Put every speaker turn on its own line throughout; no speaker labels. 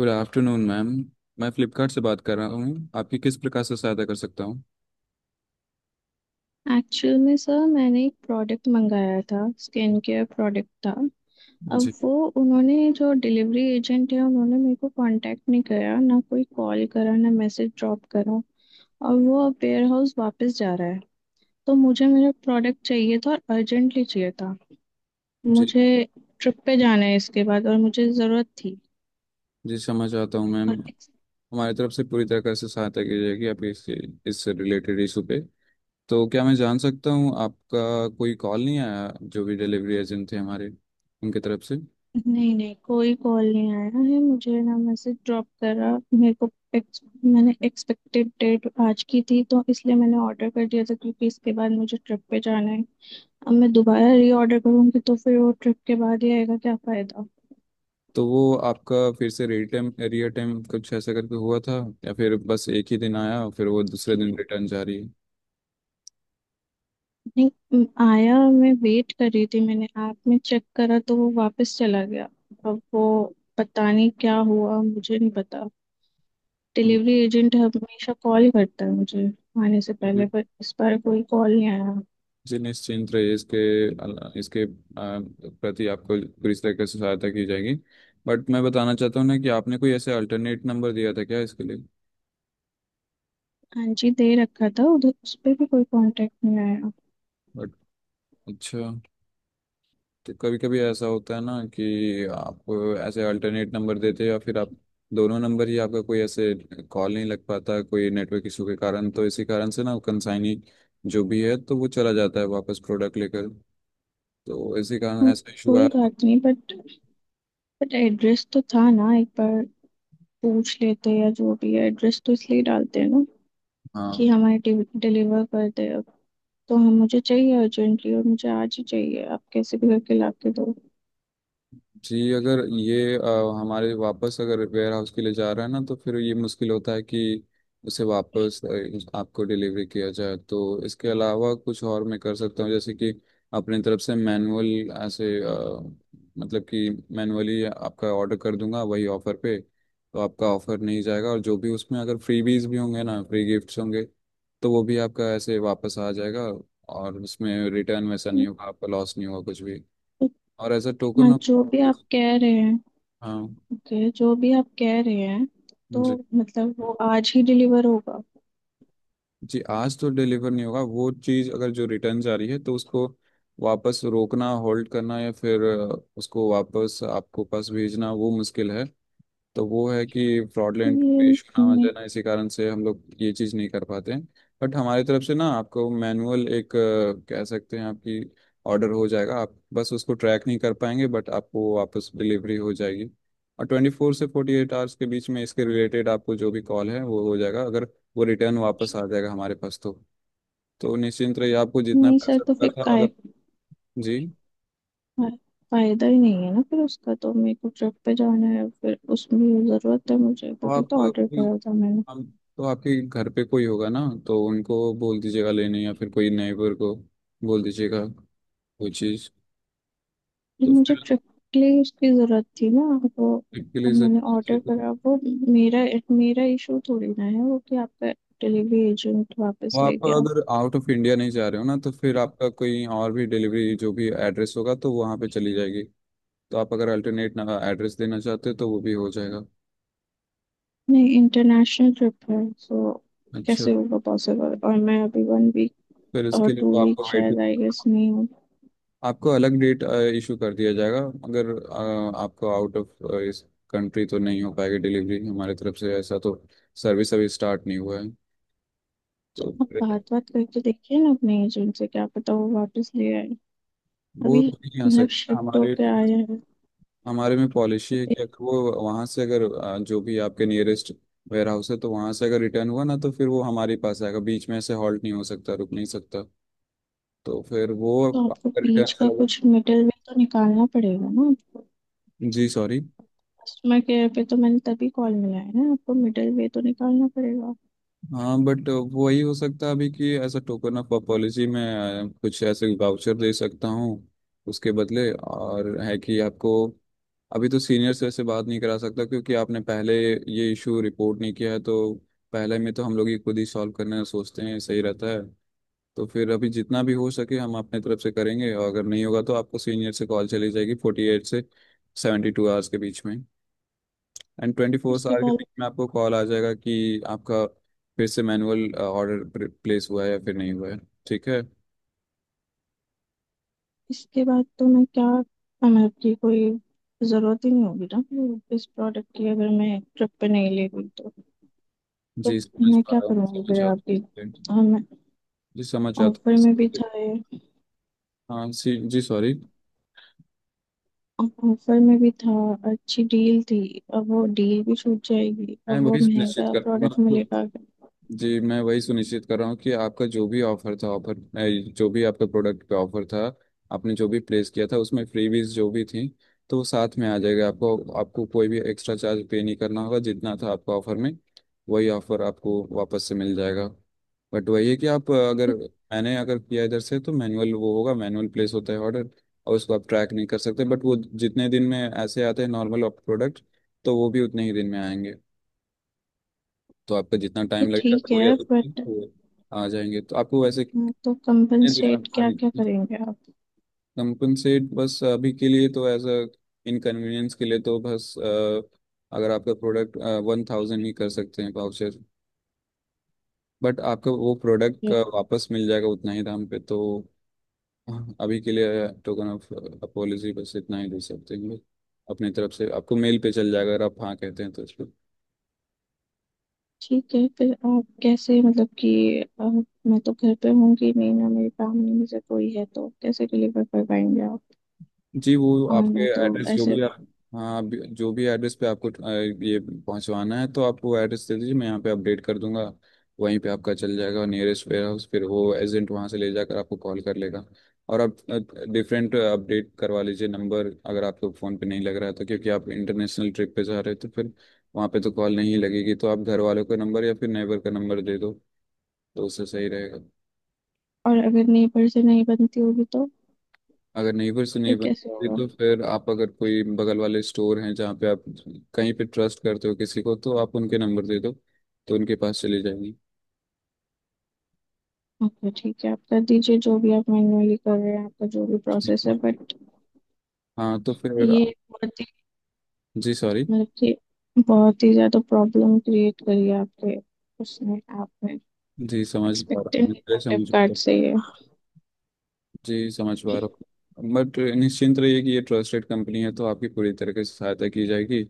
Good afternoon ma'am. मैं फ्लिपकार्ट से बात कर रहा हूँ, आपकी किस प्रकार से सहायता कर सकता हूँ?
एक्चुअल में सर मैंने एक प्रोडक्ट मंगाया था। स्किन केयर प्रोडक्ट था। अब
जी।
वो उन्होंने जो डिलीवरी एजेंट है उन्होंने मेरे को कांटेक्ट नहीं करा, ना कोई कॉल करा, ना मैसेज ड्रॉप करा। और वो अब वेयर हाउस वापस जा रहा है। तो मुझे मेरा प्रोडक्ट चाहिए था और अर्जेंटली चाहिए था।
जी।
मुझे ट्रिप पे जाना है इसके बाद, और मुझे ज़रूरत थी।
जी, समझ आता हूँ मैम।
और
हमारी तरफ से पूरी तरह से सहायता की जाएगी आपके इस रिलेटेड इशू पे। तो क्या मैं जान सकता हूँ, आपका कोई कॉल नहीं आया जो भी डिलीवरी एजेंट थे हमारे उनकी तरफ से?
नहीं नहीं, कोई कॉल नहीं आया है। मुझे ना मैसेज ड्रॉप करा। मेरे को मैंने एक्सपेक्टेड डेट आज की थी तो इसलिए मैंने ऑर्डर कर दिया था, क्योंकि इसके बाद मुझे ट्रिप पे जाना है। अब मैं दोबारा री ऑर्डर करूंगी तो फिर वो ट्रिप के बाद ही आएगा, क्या फायदा।
तो वो आपका फिर से रिटर्न रियर टाइम कुछ ऐसा करके हुआ था, या फिर बस एक ही दिन आया और फिर वो दूसरे दिन रिटर्न जा रही
नहीं आया। मैं वेट कर रही थी, मैंने ऐप में चेक करा तो वो वापस चला गया। अब वो पता नहीं क्या हुआ, मुझे नहीं पता। डिलीवरी एजेंट हमेशा कॉल करता है मुझे आने से
है?
पहले, पर इस बार कोई कॉल नहीं आया।
जी निश्चिंत रहिए, इसके प्रति आपको पूरी तरीके से सहायता की जाएगी। बट मैं बताना चाहता हूँ ना कि आपने कोई ऐसे अल्टरनेट नंबर दिया था क्या इसके लिए?
हाँ जी, दे रखा था। उधर उस पे भी कोई कांटेक्ट नहीं आया।
बट अच्छा। तो कभी कभी ऐसा होता है ना कि आप ऐसे अल्टरनेट नंबर देते हैं, या फिर आप दोनों नंबर ही आपका कोई ऐसे कॉल नहीं लग पाता कोई नेटवर्क इशू के कारण, तो इसी कारण से ना कंसाइनी जो भी है तो वो चला जाता है वापस प्रोडक्ट लेकर। तो इसी कारण
अब
ऐसा इशू
कोई
आया।
बात नहीं, बट एड्रेस तो था ना, एक बार पूछ लेते, या जो भी है, एड्रेस तो इसलिए डालते हैं ना कि
हाँ।
हमारे डिलीवर कर दे। अब तो हम मुझे चाहिए अर्जेंटली, और मुझे आज ही चाहिए, आप कैसे भी करके ला के दो।
जी अगर ये हमारे वापस अगर वेयर हाउस के लिए जा रहा है ना, तो फिर ये मुश्किल होता है कि उसे वापस आपको डिलीवरी किया जाए। तो इसके अलावा कुछ और मैं कर सकता हूँ, जैसे कि अपनी तरफ से मैनुअल ऐसे मतलब कि मैनुअली आपका ऑर्डर कर दूंगा वही ऑफर पे। तो आपका ऑफर नहीं जाएगा, और जो भी उसमें अगर फ्रीबीज भी होंगे ना, फ्री गिफ्ट्स होंगे, तो वो भी आपका ऐसे वापस आ जाएगा। और उसमें रिटर्न वैसा नहीं होगा, आपका लॉस नहीं होगा कुछ भी। और एज अ
हाँ,
टोकन ऑफ।
जो भी आप कह रहे हैं।
हाँ
ओके, जो भी आप कह रहे हैं। तो
जी।
मतलब वो आज ही डिलीवर होगा?
जी आज तो डिलीवर नहीं होगा। वो चीज़ अगर जो रिटर्न जा रही है तो उसको वापस रोकना, होल्ड करना, या फिर उसको वापस आपको पास भेजना वो मुश्किल है। तो वो है कि
ये
फ्रॉडलेंट पेश ना आ
नहीं।
जाना, इसी कारण से हम लोग ये चीज़ नहीं कर पाते हैं। बट हमारी तरफ से ना आपको मैनुअल एक कह सकते हैं, आपकी ऑर्डर हो जाएगा। आप बस उसको ट्रैक नहीं कर पाएंगे, बट आपको वापस डिलीवरी हो जाएगी। और 24 से 48 आवर्स के बीच में इसके रिलेटेड आपको जो भी कॉल है वो हो जाएगा, अगर वो रिटर्न वापस आ जाएगा हमारे पास तो। तो निश्चिंत रहिए, आपको जितना
नहीं सर,
पैसा
तो
का
फिर
था
काहे
अगर। जी।
फा- फायदा ही नहीं है ना फिर उसका। तो मेरे को ट्रिप पे जाना है, फिर उसमें जरूरत है मुझे,
तो
तभी
आप
तो ऑर्डर करा था मैंने।
हम तो आपके घर पे कोई होगा ना, तो उनको बोल दीजिएगा लेने, या फिर कोई नेबर को बोल दीजिएगा वो चीज़।
फिर
तो
मुझे
फिर
ट्रिप के लिए उसकी जरूरत थी ना वो।
आपके
अब
लिए से,
मैंने ऑर्डर करा वो। मेरा मेरा इशू थोड़ी ना है वो, कि आपका डिलीवरी एजेंट वापस
वो
ले
आप
गया।
अगर आउट ऑफ इंडिया नहीं जा रहे हो ना, तो फिर आपका कोई और भी डिलीवरी जो भी एड्रेस होगा तो वहाँ पे चली जाएगी। तो आप अगर अल्टरनेट एड्रेस देना चाहते हो तो वो भी हो जाएगा।
नहीं, इंटरनेशनल ट्रिप है सो
अच्छा।
कैसे होगा पॉसिबल? और मैं अभी वन वीक
फिर
और
इसके लिए
टू
तो
वीक
आपको वेट,
शायद, आई गेस, नहीं हूँ।
आपको अलग डेट इशू कर दिया जाएगा। अगर आपको आउट ऑफ इस कंट्री तो नहीं हो पाएगी डिलीवरी हमारे तरफ से, ऐसा तो सर्विस अभी स्टार्ट नहीं हुआ है। तो
आप बात बात करके देखिए ना अपने एजेंट से, क्या पता वो वापस ले आए
वो
अभी।
तो नहीं आ
मतलब
सकता।
शिफ्ट
हमारे
होके आया है तो
हमारे में पॉलिसी है
फिर।
कि अगर वो वहाँ से अगर जो भी आपके नियरेस्ट वेयर हाउस है तो वहाँ से अगर रिटर्न हुआ ना, तो फिर वो हमारे पास आएगा, बीच में ऐसे हॉल्ट नहीं हो सकता, रुक नहीं सकता। तो फिर वो
तो आपको
रिटर्न
बीच का
चला।
कुछ मिडिल वे तो निकालना पड़ेगा ना आपको।
जी सॉरी।
कस्टमर केयर पे तो मैंने तभी कॉल मिलाया है ना आपको, मिडिल वे तो निकालना पड़ेगा।
हाँ बट वही हो सकता है अभी कि ऐसा टोकन ऑफ पॉलिसी में कुछ ऐसे वाउचर दे सकता हूँ उसके बदले। और है कि आपको अभी तो सीनियर से ऐसे बात नहीं करा सकता क्योंकि आपने पहले ये इशू रिपोर्ट नहीं किया है। तो पहले में तो हम लोग ही खुद ही सॉल्व करना सोचते हैं, सही रहता है। तो फिर अभी जितना भी हो सके हम अपने तरफ से करेंगे, और अगर नहीं होगा तो आपको सीनियर से कॉल चली जाएगी 48 से 72 आवर्स के बीच में। एंड 24
उसके
आवर के
बाद
बीच में आपको कॉल आ जाएगा कि आपका फिर से मैनुअल ऑर्डर प्लेस हुआ है या फिर नहीं हुआ है। ठीक है।
इसके बाद तो मैं क्या मतलब की कोई जरूरत ही नहीं होगी ना फिर इस प्रोडक्ट की, अगर मैं ट्रिप पे नहीं ले गई तो। तो
जी समझ
मैं
पा
क्या
रहा हूँ,
करूँगी फिर
समझ
आपकी।
आता हूँ।
और मैं,
जी समझ आता
ऑफर में भी
हूँ।
था ये।
हाँ। सी जी सॉरी।
ऑफर में भी था, अच्छी डील थी। अब वो डील भी छूट जाएगी,
मैं
अब वो
वही सुनिश्चित
महंगा
कर रहा हूँ ना
प्रोडक्ट
आपको।
मिलेगा।
जी मैं वही सुनिश्चित कर रहा हूँ कि आपका जो भी ऑफर था, ऑफर जो भी आपका प्रोडक्ट पे ऑफर था, आपने जो भी प्लेस किया था उसमें फ्रीबीज जो भी थी, तो वो साथ में आ जाएगा आपको आपको कोई भी एक्स्ट्रा चार्ज पे नहीं करना होगा, जितना था आपका ऑफर में वही ऑफर आपको वापस से मिल जाएगा। बट वही है कि आप अगर
ये
मैंने अगर किया इधर से तो मैनुअल वो होगा, मैनुअल प्लेस होता है ऑर्डर, और उसको आप ट्रैक नहीं कर सकते। बट वो जितने दिन में ऐसे आते हैं नॉर्मल प्रोडक्ट तो वो भी उतने ही दिन में आएंगे। तो आपका जितना
ये
टाइम लगेगा,
ठीक
दो या
है
तीन दिन
बट
तो आ जाएंगे। तो आपको वैसे कितने
तो
दिनों में
कंपनसेट क्या
खाली।
क्या करेंगे आप?
कंपनसेट बस अभी के लिए तो एज अ इनकन्वीनियंस के लिए तो बस अगर आपका प्रोडक्ट 1,000 ही कर सकते हैं पाउचेस। बट आपका वो प्रोडक्ट
ये
वापस मिल जाएगा उतना ही दाम पे तो। अभी के लिए टोकन ऑफ अपोलॉजी बस इतना ही दे सकते हैं हम लोग अपनी तरफ से। आपको मेल पे चल जाएगा अगर आप हाँ कहते हैं तो।
ठीक है। फिर आप कैसे मतलब कि मैं तो घर पे होंगी नहीं ना, मेरी फैमिली में से कोई है, तो कैसे डिलीवर कर पाएंगे आप?
जी। वो
और
आपके
मैं तो
एड्रेस जो
ऐसे।
भी आप। हाँ आप जो भी एड्रेस पे आपको ये पहुंचवाना है तो आप वो एड्रेस दे दीजिए, मैं यहाँ पे अपडेट कर दूंगा। वहीं पे आपका चल जाएगा नियरेस्ट वेयर हाउस, फिर वो एजेंट वहाँ से ले जाकर आपको कॉल कर लेगा। और आप डिफरेंट अपडेट करवा लीजिए नंबर, अगर आपको फ़ोन पे नहीं लग रहा है तो, क्योंकि आप इंटरनेशनल ट्रिप पे जा रहे हो तो फिर वहाँ पे तो कॉल नहीं लगेगी। तो आप घर वालों का नंबर या फिर नेबर का नंबर दे दो, तो उससे सही रहेगा।
और अगर नेबर से नहीं बनती होगी तो
अगर नेबर से
फिर
नहीं
कैसे
बनती
होगा?
तो फिर आप अगर कोई बगल वाले स्टोर हैं जहाँ पे आप, कहीं पे ट्रस्ट करते हो किसी को, तो आप उनके नंबर दे दो तो उनके पास चली जाएंगी।
ओके ठीक है, आप कर दीजिए, जो भी आप मैन्युअली कर रहे हैं, आपका जो भी प्रोसेस है। बट
हाँ। तो फिर।
ये
जी सॉरी।
मतलब कि बहुत ही ज्यादा प्रॉब्लम क्रिएट करी है आपके उसने, ऐप में।
जी समझ पा रहा
एक्सपेक्टेड
हूँ,
नहीं
मैं
था
समझ पा रहा
फ्लिपकार्ट
हूँ।
से ये।
जी समझ पा रहा हूँ, बट निश्चिंत रहिए कि ये ट्रस्टेड कंपनी है, तो आपकी पूरी तरह से सहायता की जाएगी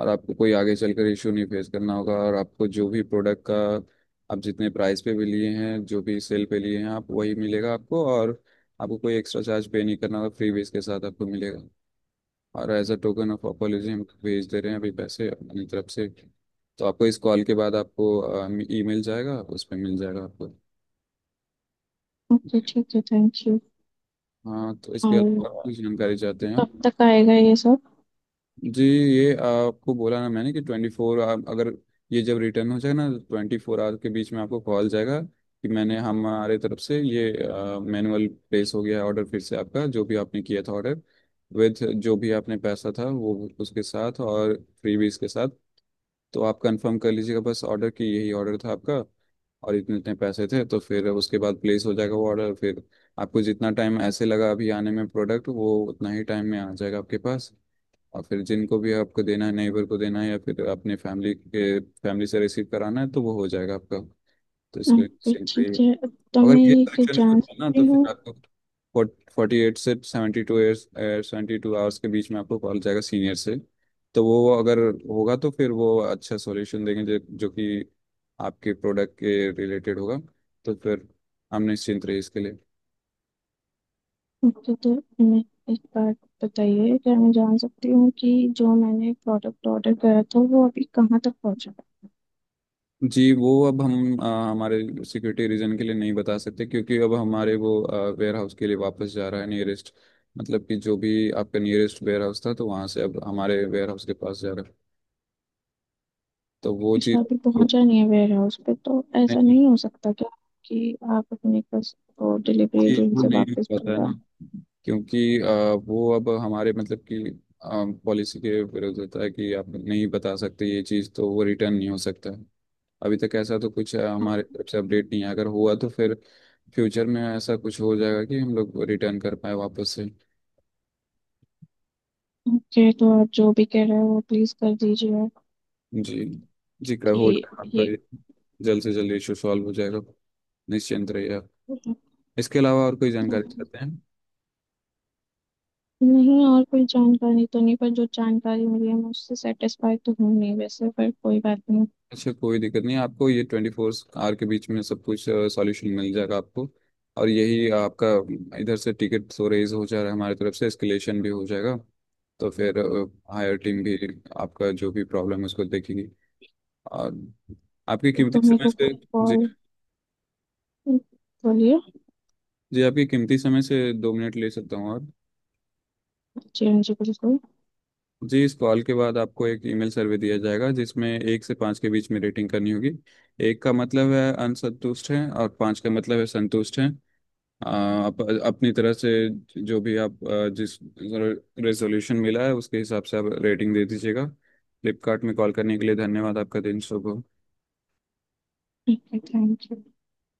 और आपको कोई आगे चलकर इशू नहीं फेस करना होगा। और आपको जो भी प्रोडक्ट का आप जितने प्राइस पे भी लिए हैं, जो भी सेल पे लिए हैं, आप वही मिलेगा आपको, और आपको कोई एक्स्ट्रा चार्ज पे नहीं करना होगा, फ्री बेस के साथ आपको मिलेगा। और as a token of apology हम भेज दे रहे हैं अभी पैसे अपनी तरफ से। तो आपको इस कॉल के बाद आपको ई मिल जाएगा, उस पर मिल जाएगा आपको।
ओके ठीक है, थैंक यू।
हाँ। तो इसके अलावा और
और
कुछ जानकारी चाहते हैं आप?
कब तक आएगा ये सब?
जी। ये आपको बोला ना मैंने कि 24, आप अगर, ये जब रिटर्न हो जाए ना तो 24 आवर के बीच में आपको कॉल जाएगा कि मैंने हमारे तरफ से ये मैनुअल प्लेस हो गया है ऑर्डर फिर से, आपका जो भी आपने किया था ऑर्डर विथ जो भी आपने पैसा था वो, उसके साथ और फ्रीबीज के साथ। तो आप कंफर्म कर लीजिएगा बस ऑर्डर की यही ऑर्डर था आपका, और इतने इतने पैसे थे, तो फिर उसके बाद प्लेस हो जाएगा वो ऑर्डर फिर। आपको जितना टाइम ऐसे लगा अभी आने में प्रोडक्ट वो उतना ही टाइम में आ जाएगा आपके पास, और फिर जिनको भी आपको देना है, नेबर को देना है या फिर अपने फैमिली के फैमिली से रिसीव कराना है तो वो हो जाएगा आपका। तो इसके
ओके
सेम पे ही है।
ठीक है। तो
अगर
मैं
ये
ये कि
सेक्शन
जान
शूट है ना तो
सकती
फिर
हूँ,
आपको 48 से 72 आवर्स के बीच में आपको कॉल जाएगा सीनियर से। तो वो अगर होगा तो फिर वो अच्छा सॉल्यूशन देंगे जो जो कि आपके प्रोडक्ट के रिलेटेड होगा। तो फिर हम निश्चिंत रहे इसके लिए।
ओके तो मैं एक बात बताइए, क्या मैं जान सकती हूँ कि जो मैंने प्रोडक्ट ऑर्डर करा था वो अभी कहाँ तक पहुँचा?
जी वो अब हमारे सिक्योरिटी रीजन के लिए नहीं बता सकते, क्योंकि अब हमारे वो वेयर हाउस के लिए वापस जा रहा है नियरेस्ट। मतलब कि जो भी आपका नियरेस्ट वेयर हाउस था तो वहाँ से अब हमारे वेयर हाउस के पास जा रहा है। तो वो चीज़
अच्छा, अभी
तो
पहुँचा नहीं है वेयर हाउस पे तो ऐसा
नहीं।
नहीं हो सकता क्या कि आप अपने वो डिलीवरी
चीज़
एजेंट
को
से
नहीं
वापस
पता है
बुलवा।
ना, क्योंकि वो अब हमारे मतलब कि पॉलिसी के विरुद्ध होता है कि आप नहीं बता सकते ये चीज़, तो वो रिटर्न नहीं हो सकता है। अभी तक ऐसा तो कुछ हमारे तरफ से अपडेट नहीं है। अगर हुआ तो फिर फ्यूचर में ऐसा कुछ हो जाएगा कि हम लोग रिटर्न कर पाए वापस से।
ओके तो आप जो भी कह रहे हो वो प्लीज कर दीजिए,
जी। जी कर हो
कि
आपका
ये।
ये जल्द से जल्द इशू सॉल्व हो जाएगा, निश्चिंत रहिए आप। इसके अलावा और कोई जानकारी चाहते हैं?
नहीं, और कोई जानकारी तो नहीं, पर जो जानकारी मिली है मैं उससे सेटिस्फाई तो हूँ नहीं वैसे, पर कोई बात नहीं।
अच्छा, कोई दिक्कत नहीं। आपको ये 24 आवर के बीच में सब कुछ सॉल्यूशन मिल जाएगा आपको। और यही आपका, इधर से टिकट तो रेज हो जा रहा है, हमारी तरफ से एस्केलेशन भी हो जाएगा। तो फिर हायर टीम भी आपका जो भी प्रॉब्लम है उसको देखेगी। और आपके
ये
कीमती
तो मेरे
समय
को
से।
कोई
जी।
कॉल। बोलिए।
जी आपके कीमती समय से 2 मिनट ले सकता हूँ? और।
जी हाँ जी, बिल्कुल।
जी इस कॉल के बाद आपको एक ईमेल सर्वे दिया जाएगा, जिसमें एक से पाँच के बीच में रेटिंग करनी होगी। एक का मतलब है असंतुष्ट है और पाँच का मतलब है संतुष्ट है। आ, आप अपनी तरफ से जो भी आप जिस रेजोल्यूशन मिला है उसके हिसाब से आप रेटिंग दे दीजिएगा। फ्लिपकार्ट में कॉल करने के लिए धन्यवाद, आपका दिन शुभ हो।
ठीक है, थैंक यू।